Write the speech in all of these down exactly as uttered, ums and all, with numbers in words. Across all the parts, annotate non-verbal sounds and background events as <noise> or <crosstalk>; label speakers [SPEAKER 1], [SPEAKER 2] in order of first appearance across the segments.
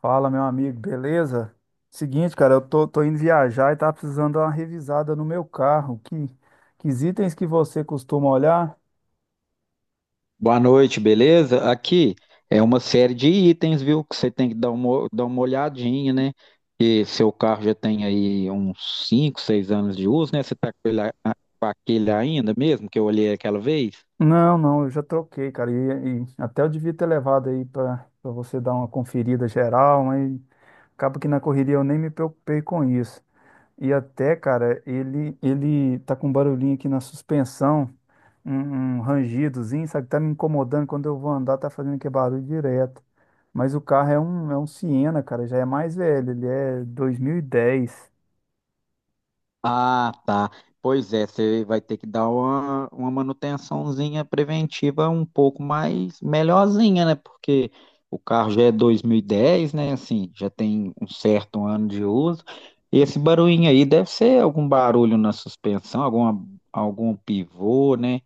[SPEAKER 1] Fala, meu amigo, beleza? Seguinte, cara, eu tô, tô indo viajar e tá precisando dar uma revisada no meu carro. Que, que itens que você costuma olhar?
[SPEAKER 2] Boa noite, beleza? Aqui é uma série de itens, viu? Que você tem que dar uma, dar uma olhadinha, né? Que seu carro já tem aí uns cinco, seis anos de uso, né? Você tá com ele, a- com aquele ainda mesmo que eu olhei aquela vez?
[SPEAKER 1] Não, não, eu já troquei, cara. E, e até eu devia ter levado aí pra pra você dar uma conferida geral, mas acaba que na correria eu nem me preocupei com isso. E até, cara, ele, ele tá com um barulhinho aqui na suspensão. um, um rangidozinho, sabe? Tá me incomodando quando eu vou andar, tá fazendo aquele barulho direto. Mas o carro é um, é um Siena, cara, já é mais velho, ele é dois mil e dez.
[SPEAKER 2] Ah, tá. Pois é, você vai ter que dar uma, uma manutençãozinha preventiva um pouco mais melhorzinha, né? Porque o carro já é dois mil e dez, né? Assim, já tem um certo ano de uso. E esse barulhinho aí deve ser algum barulho na suspensão, alguma, algum pivô, né?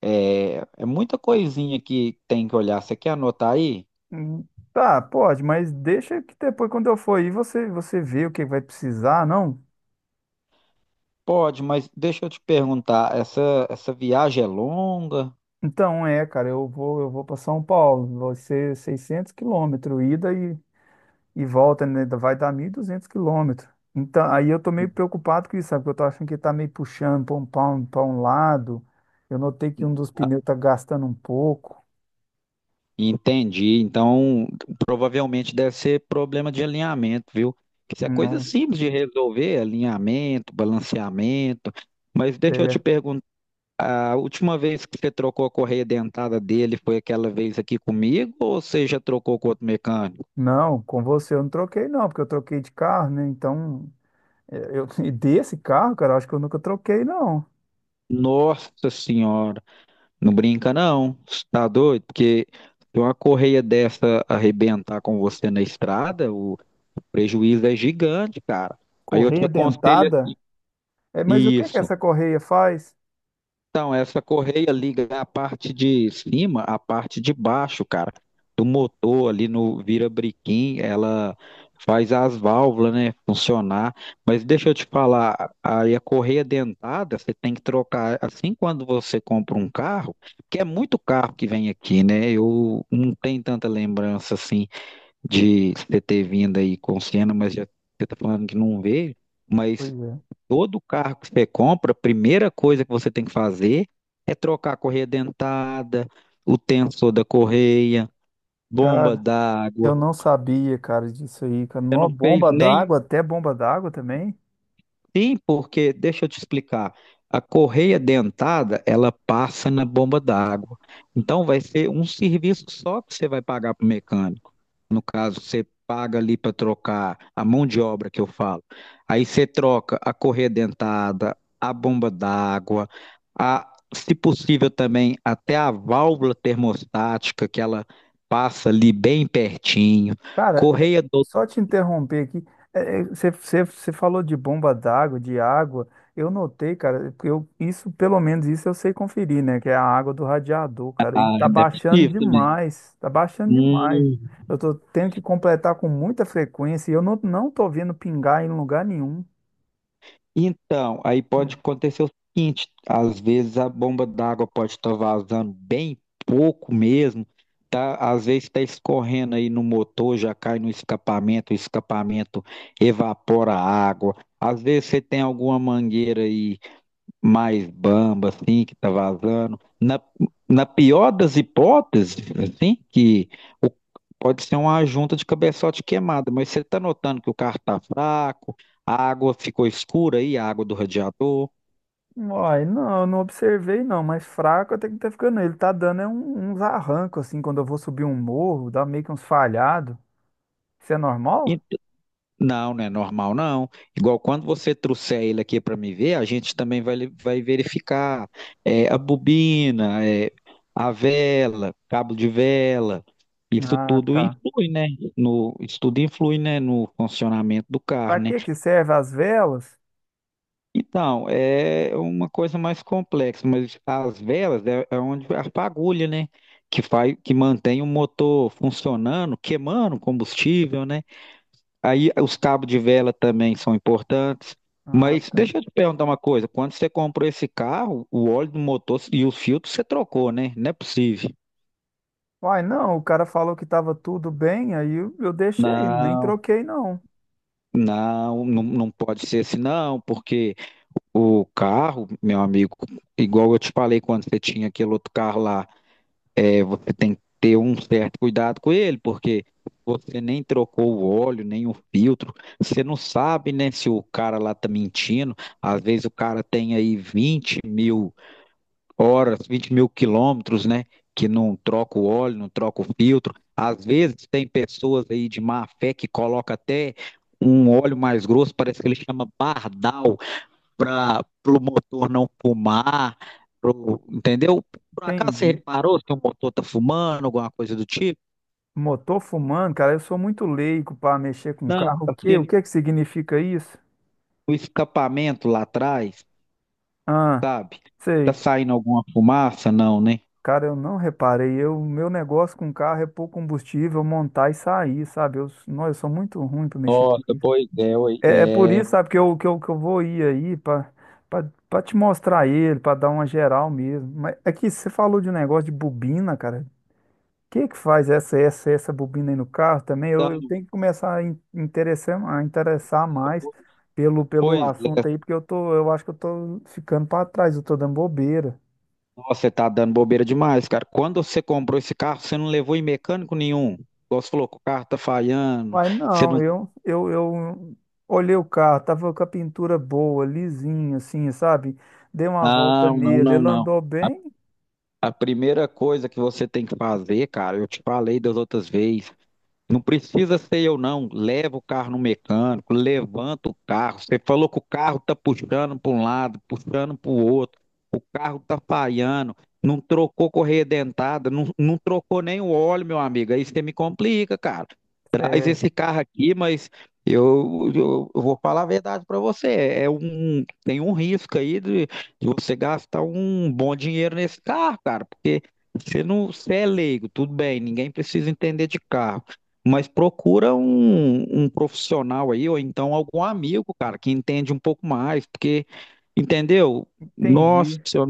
[SPEAKER 2] É, é muita coisinha que tem que olhar. Você quer anotar aí?
[SPEAKER 1] Hum, Tá, pode, mas deixa que depois quando eu for aí você, você vê o que vai precisar, não?
[SPEAKER 2] Pode, mas deixa eu te perguntar, essa, essa viagem é longa?
[SPEAKER 1] Então é, cara, eu vou, eu vou para São Paulo, vai ser seiscentos quilômetros ida e e volta, né, vai dar mil e duzentos quilômetros. Então, aí eu tô meio preocupado com isso, sabe? Porque eu tô achando que tá meio puxando para um, pra um, pra um lado. Eu notei que um dos pneus tá gastando um pouco.
[SPEAKER 2] Entendi. Então, provavelmente deve ser problema de alinhamento, viu? Isso é coisa
[SPEAKER 1] Não,
[SPEAKER 2] simples de resolver, alinhamento, balanceamento. Mas deixa eu te
[SPEAKER 1] é,
[SPEAKER 2] perguntar, a última vez que você trocou a correia dentada dele foi aquela vez aqui comigo ou você já trocou com outro mecânico?
[SPEAKER 1] não, com você eu não troquei, não, porque eu troquei de carro, né? Então, é, eu, <laughs> e desse carro, cara, eu acho que eu nunca troquei, não.
[SPEAKER 2] Nossa senhora, não brinca não, cê tá doido? Porque se uma correia dessa arrebentar com você na estrada, o prejuízo é gigante, cara. Aí eu te
[SPEAKER 1] Correia
[SPEAKER 2] aconselho assim,
[SPEAKER 1] dentada? É, mas o que que
[SPEAKER 2] isso.
[SPEAKER 1] essa correia faz?
[SPEAKER 2] Então, essa correia liga a parte de cima, a parte de baixo, cara, do motor ali no virabrequim, ela faz as válvulas, né, funcionar. Mas deixa eu te falar, aí a correia dentada, você tem que trocar, assim quando você compra um carro, que é muito carro que vem aqui, né? Eu não tenho tanta lembrança assim de você ter vindo aí com Siena, mas já você tá falando que não veio.
[SPEAKER 1] Pois
[SPEAKER 2] Mas
[SPEAKER 1] é.
[SPEAKER 2] todo carro que você compra, a primeira coisa que você tem que fazer é trocar a correia dentada, o tensor da correia, bomba
[SPEAKER 1] Cara,
[SPEAKER 2] d'água.
[SPEAKER 1] eu não sabia, cara, disso aí, cara. Nó,
[SPEAKER 2] Não fez
[SPEAKER 1] bomba
[SPEAKER 2] nem.
[SPEAKER 1] d'água, até bomba d'água também.
[SPEAKER 2] Sim, porque, deixa eu te explicar, a correia dentada, ela passa na bomba d'água. Então, vai ser um serviço só que você vai pagar para o mecânico. No caso, você paga ali para trocar a mão de obra que eu falo. Aí você troca a correia dentada, a bomba d'água, a, se possível também até a válvula termostática que ela passa ali bem pertinho,
[SPEAKER 1] Cara, é-
[SPEAKER 2] correia dotada,
[SPEAKER 1] só te interromper aqui, é, é, você você- você falou de bomba d'água, de água. Eu notei, cara, porque eu, isso, pelo menos isso eu sei conferir, né? Que é a água do radiador, cara. E tá
[SPEAKER 2] é
[SPEAKER 1] baixando
[SPEAKER 2] possível também.
[SPEAKER 1] demais, tá baixando demais.
[SPEAKER 2] Hum.
[SPEAKER 1] Eu tô tendo que completar com muita frequência e eu não, não tô vendo pingar em lugar nenhum.
[SPEAKER 2] Então, aí pode acontecer o seguinte: às vezes a bomba d'água pode estar vazando bem pouco mesmo, tá? Às vezes está escorrendo aí no motor, já cai no escapamento, o escapamento evapora a água. Às vezes você tem alguma mangueira aí mais bamba, assim, que tá vazando. Na, na pior das hipóteses, assim, que o- pode ser uma junta de cabeçote queimada, mas você tá notando que o carro tá fraco, a água ficou escura aí, a água do radiador.
[SPEAKER 1] Uai, não, eu não observei não, mas fraco até que tá ficando. Ele tá dando é um- uns arrancos, assim, quando eu vou subir um morro, dá meio que uns falhados. Isso é normal?
[SPEAKER 2] Não, não é normal, não. Igual quando você trouxer ele aqui para me ver, a gente também vai, le- vai verificar é, a bobina, é, a vela, cabo de vela. Isso
[SPEAKER 1] Ah,
[SPEAKER 2] tudo
[SPEAKER 1] tá.
[SPEAKER 2] influi, né? No, isso tudo influi, né, no funcionamento do
[SPEAKER 1] Pra
[SPEAKER 2] carro, né?
[SPEAKER 1] que que serve as velas?
[SPEAKER 2] Então, é uma coisa mais complexa, mas as velas é, é onde a fagulha, né? Que faz, que mantém o motor funcionando, queimando combustível, né? Aí os cabos de vela também são importantes.
[SPEAKER 1] Ah,
[SPEAKER 2] Mas
[SPEAKER 1] tá.
[SPEAKER 2] deixa eu te perguntar uma coisa: quando você comprou esse carro, o óleo do motor e os filtros você trocou, né? Não é possível.
[SPEAKER 1] Uai, não, o cara falou que tava tudo bem, aí eu, eu deixei, nem
[SPEAKER 2] Não,
[SPEAKER 1] troquei não.
[SPEAKER 2] não, não, não pode ser assim, não, porque o carro, meu amigo, igual eu te falei quando você tinha aquele outro carro lá. É, você tem que ter um certo cuidado com ele, porque você nem trocou o óleo, nem o filtro, você não sabe, né, se o cara lá tá mentindo. Às vezes o cara tem aí vinte mil horas, vinte mil quilômetros, né, que não troca o óleo, não troca o filtro. Às vezes tem pessoas aí de má fé que coloca até um óleo mais grosso, parece que ele chama bardal, para o motor não fumar, pro- entendeu? Por acaso você
[SPEAKER 1] Entendi.
[SPEAKER 2] reparou se o motor tá fumando, alguma coisa do tipo?
[SPEAKER 1] Motor fumando, cara, eu sou muito leigo pra mexer com
[SPEAKER 2] Não,
[SPEAKER 1] carro. O quê? O
[SPEAKER 2] assim,
[SPEAKER 1] que que significa isso?
[SPEAKER 2] o escapamento lá atrás,
[SPEAKER 1] Ah,
[SPEAKER 2] sabe? Tá
[SPEAKER 1] sei.
[SPEAKER 2] saindo alguma fumaça? Não, né?
[SPEAKER 1] Cara, eu não reparei. Eu, meu negócio com carro é pôr combustível, montar e sair, sabe? Eu, não, eu sou muito ruim pra mexer com
[SPEAKER 2] Nossa,
[SPEAKER 1] isso.
[SPEAKER 2] pois é, oi,
[SPEAKER 1] É, é por
[SPEAKER 2] é.
[SPEAKER 1] isso, sabe, que eu, que eu, que eu vou ir aí pra pra- pra te mostrar ele, pra dar uma geral mesmo. Mas aqui você falou de um negócio de bobina, cara. O que que faz essa essa essa bobina aí no carro também? Eu, eu
[SPEAKER 2] Então,
[SPEAKER 1] tenho que começar a in- interessar, a interessar mais pelo, pelo
[SPEAKER 2] pois é.
[SPEAKER 1] assunto aí, porque eu tô, eu acho que eu tô ficando pra trás, eu tô dando bobeira.
[SPEAKER 2] Nossa, você tá dando bobeira demais, cara. Quando você comprou esse carro, você não levou em mecânico nenhum. Igual você falou que o carro tá falhando.
[SPEAKER 1] Uai,
[SPEAKER 2] Você
[SPEAKER 1] não,
[SPEAKER 2] não.
[SPEAKER 1] eu, eu, eu olhei o carro, tava com a pintura boa, lisinho, assim, sabe? Dei uma volta
[SPEAKER 2] Não, não,
[SPEAKER 1] nele,
[SPEAKER 2] não,
[SPEAKER 1] ele
[SPEAKER 2] não.
[SPEAKER 1] andou bem.
[SPEAKER 2] A primeira coisa que você tem que fazer, cara, eu te falei das outras vezes, não precisa ser eu, não. Leva o carro no mecânico, levanta o carro. Você falou que o carro tá puxando para um lado, puxando para o outro. O carro tá falhando. Não trocou correia dentada, não, não trocou nem o óleo, meu amigo. Aí você me complica, cara. Traz
[SPEAKER 1] é,
[SPEAKER 2] esse carro aqui, mas eu, eu- eu vou falar a verdade para você. É um, tem um risco aí de, de você gastar um bom dinheiro nesse carro, cara, porque você não, você é leigo, tudo bem, ninguém precisa entender de carro. Mas procura um, um profissional aí, ou então algum amigo, cara, que entende um pouco mais, porque, entendeu? Nossa,
[SPEAKER 1] Entendi,
[SPEAKER 2] você não,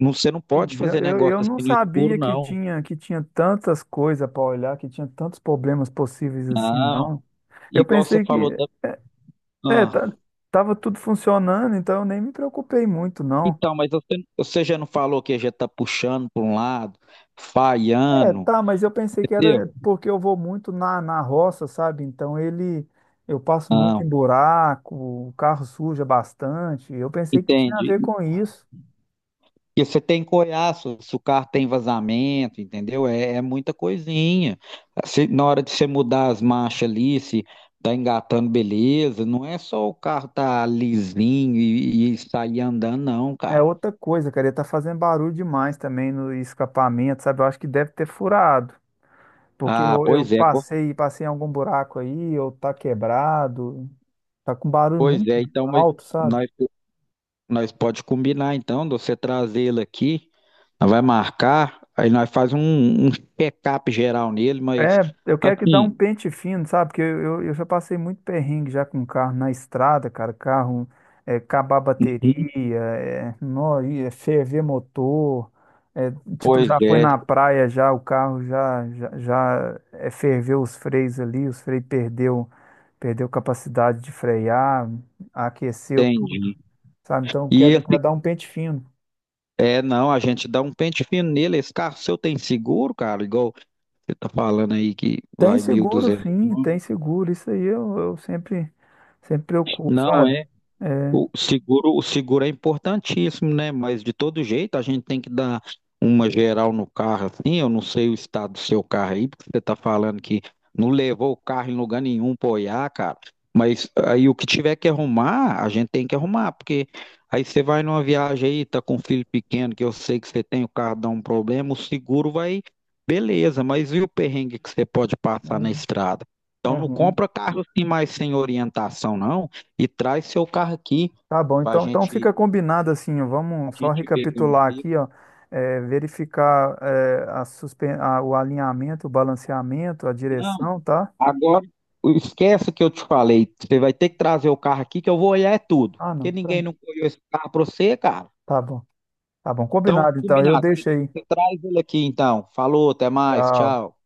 [SPEAKER 2] não- você não pode
[SPEAKER 1] entendi.
[SPEAKER 2] fazer
[SPEAKER 1] Eu,
[SPEAKER 2] negócio
[SPEAKER 1] eu
[SPEAKER 2] assim
[SPEAKER 1] não
[SPEAKER 2] no escuro,
[SPEAKER 1] sabia que
[SPEAKER 2] não.
[SPEAKER 1] tinha que tinha tantas coisas para olhar, que tinha tantos problemas possíveis assim,
[SPEAKER 2] Não,
[SPEAKER 1] não. Eu
[SPEAKER 2] igual você
[SPEAKER 1] pensei
[SPEAKER 2] falou
[SPEAKER 1] que
[SPEAKER 2] da.
[SPEAKER 1] é,
[SPEAKER 2] Ah,
[SPEAKER 1] tá, tava tudo funcionando, então eu nem me preocupei muito, não.
[SPEAKER 2] então, mas você, você já não falou que já tá puxando para um lado,
[SPEAKER 1] É,
[SPEAKER 2] falhando,
[SPEAKER 1] tá, mas eu pensei que
[SPEAKER 2] entendeu?
[SPEAKER 1] era porque eu vou muito na, na roça, sabe? Então ele eu passo muito
[SPEAKER 2] Não,
[SPEAKER 1] em buraco, o carro suja bastante. Eu pensei que tinha a
[SPEAKER 2] entende?
[SPEAKER 1] ver com isso.
[SPEAKER 2] E você tem que olhar se, se o carro tem vazamento, entendeu? É, é muita coisinha. Se- na hora de você mudar as marchas ali, se tá engatando, beleza. Não é só o carro tá lisinho e, e sair andando, não,
[SPEAKER 1] É
[SPEAKER 2] cara.
[SPEAKER 1] outra coisa, cara, ele tá fazendo barulho demais também no escapamento, sabe? Eu acho que deve ter furado. Porque
[SPEAKER 2] Ah,
[SPEAKER 1] eu, eu
[SPEAKER 2] pois é, co-
[SPEAKER 1] passei, passei em algum buraco aí, ou tá quebrado, tá com barulho
[SPEAKER 2] pois
[SPEAKER 1] muito
[SPEAKER 2] é. Então, mas
[SPEAKER 1] alto, sabe?
[SPEAKER 2] nós, nós pode combinar, então, de você trazer ele aqui, nós vai marcar, aí nós faz um, um check-up geral nele, mas
[SPEAKER 1] É, eu quero que dá
[SPEAKER 2] assim,
[SPEAKER 1] um pente fino, sabe? Porque eu, eu, eu já passei muito perrengue já com carro na estrada, cara. Carro é, acabar a
[SPEAKER 2] uhum,
[SPEAKER 1] bateria, é, nó, e é ferver motor. É, tipo,
[SPEAKER 2] pois
[SPEAKER 1] já foi
[SPEAKER 2] é,
[SPEAKER 1] na praia já, o carro já, já, já é, ferveu os freios ali, os freios perdeu, perdeu capacidade de frear, aqueceu tudo.
[SPEAKER 2] entendi.
[SPEAKER 1] Sabe? Então eu
[SPEAKER 2] E
[SPEAKER 1] quero,
[SPEAKER 2] esse
[SPEAKER 1] quero dar um pente fino.
[SPEAKER 2] É, não, a gente dá um pente fino nele. Esse carro seu tem seguro, cara? Igual você tá falando aí que
[SPEAKER 1] Tem
[SPEAKER 2] vai
[SPEAKER 1] seguro,
[SPEAKER 2] mil e duzentos
[SPEAKER 1] sim,
[SPEAKER 2] quilômetros.
[SPEAKER 1] tem seguro. Isso aí eu, eu sempre, sempre preocupo,
[SPEAKER 2] Não,
[SPEAKER 1] sabe?
[SPEAKER 2] é.
[SPEAKER 1] É,
[SPEAKER 2] O seguro, o seguro é importantíssimo, né? Mas de todo jeito a gente tem que dar uma geral no carro, assim. Eu não sei o estado do seu carro aí, porque você tá falando que não levou o carro em lugar nenhum para olhar, cara. Mas aí o que tiver que arrumar, a gente tem que arrumar, porque aí você vai numa viagem aí, tá com um filho pequeno, que eu sei que você tem, o carro dá um problema, o seguro vai, beleza, mas e o perrengue que você pode passar na
[SPEAKER 1] é
[SPEAKER 2] estrada? Então
[SPEAKER 1] é
[SPEAKER 2] não
[SPEAKER 1] ruim.
[SPEAKER 2] compra carro assim mais sem orientação, não e traz seu carro aqui
[SPEAKER 1] Tá bom,
[SPEAKER 2] para
[SPEAKER 1] então, então fica
[SPEAKER 2] gente,
[SPEAKER 1] combinado assim, ó,
[SPEAKER 2] a
[SPEAKER 1] vamos só
[SPEAKER 2] gente ver como
[SPEAKER 1] recapitular
[SPEAKER 2] fica.
[SPEAKER 1] aqui, ó, é, verificar é, a suspen a- o alinhamento, o balanceamento, a
[SPEAKER 2] Não,
[SPEAKER 1] direção, tá?
[SPEAKER 2] agora esquece que eu te falei. Você vai ter que trazer o carro aqui que eu vou olhar é tudo.
[SPEAKER 1] Ah, não,
[SPEAKER 2] Porque ninguém
[SPEAKER 1] tranquilo.
[SPEAKER 2] não olhou esse carro para você, cara.
[SPEAKER 1] Tá bom, tá bom,
[SPEAKER 2] Então,
[SPEAKER 1] combinado então, eu
[SPEAKER 2] combinado. Você,
[SPEAKER 1] deixo aí.
[SPEAKER 2] você traz ele aqui então. Falou, até mais,
[SPEAKER 1] Tchau.
[SPEAKER 2] tchau.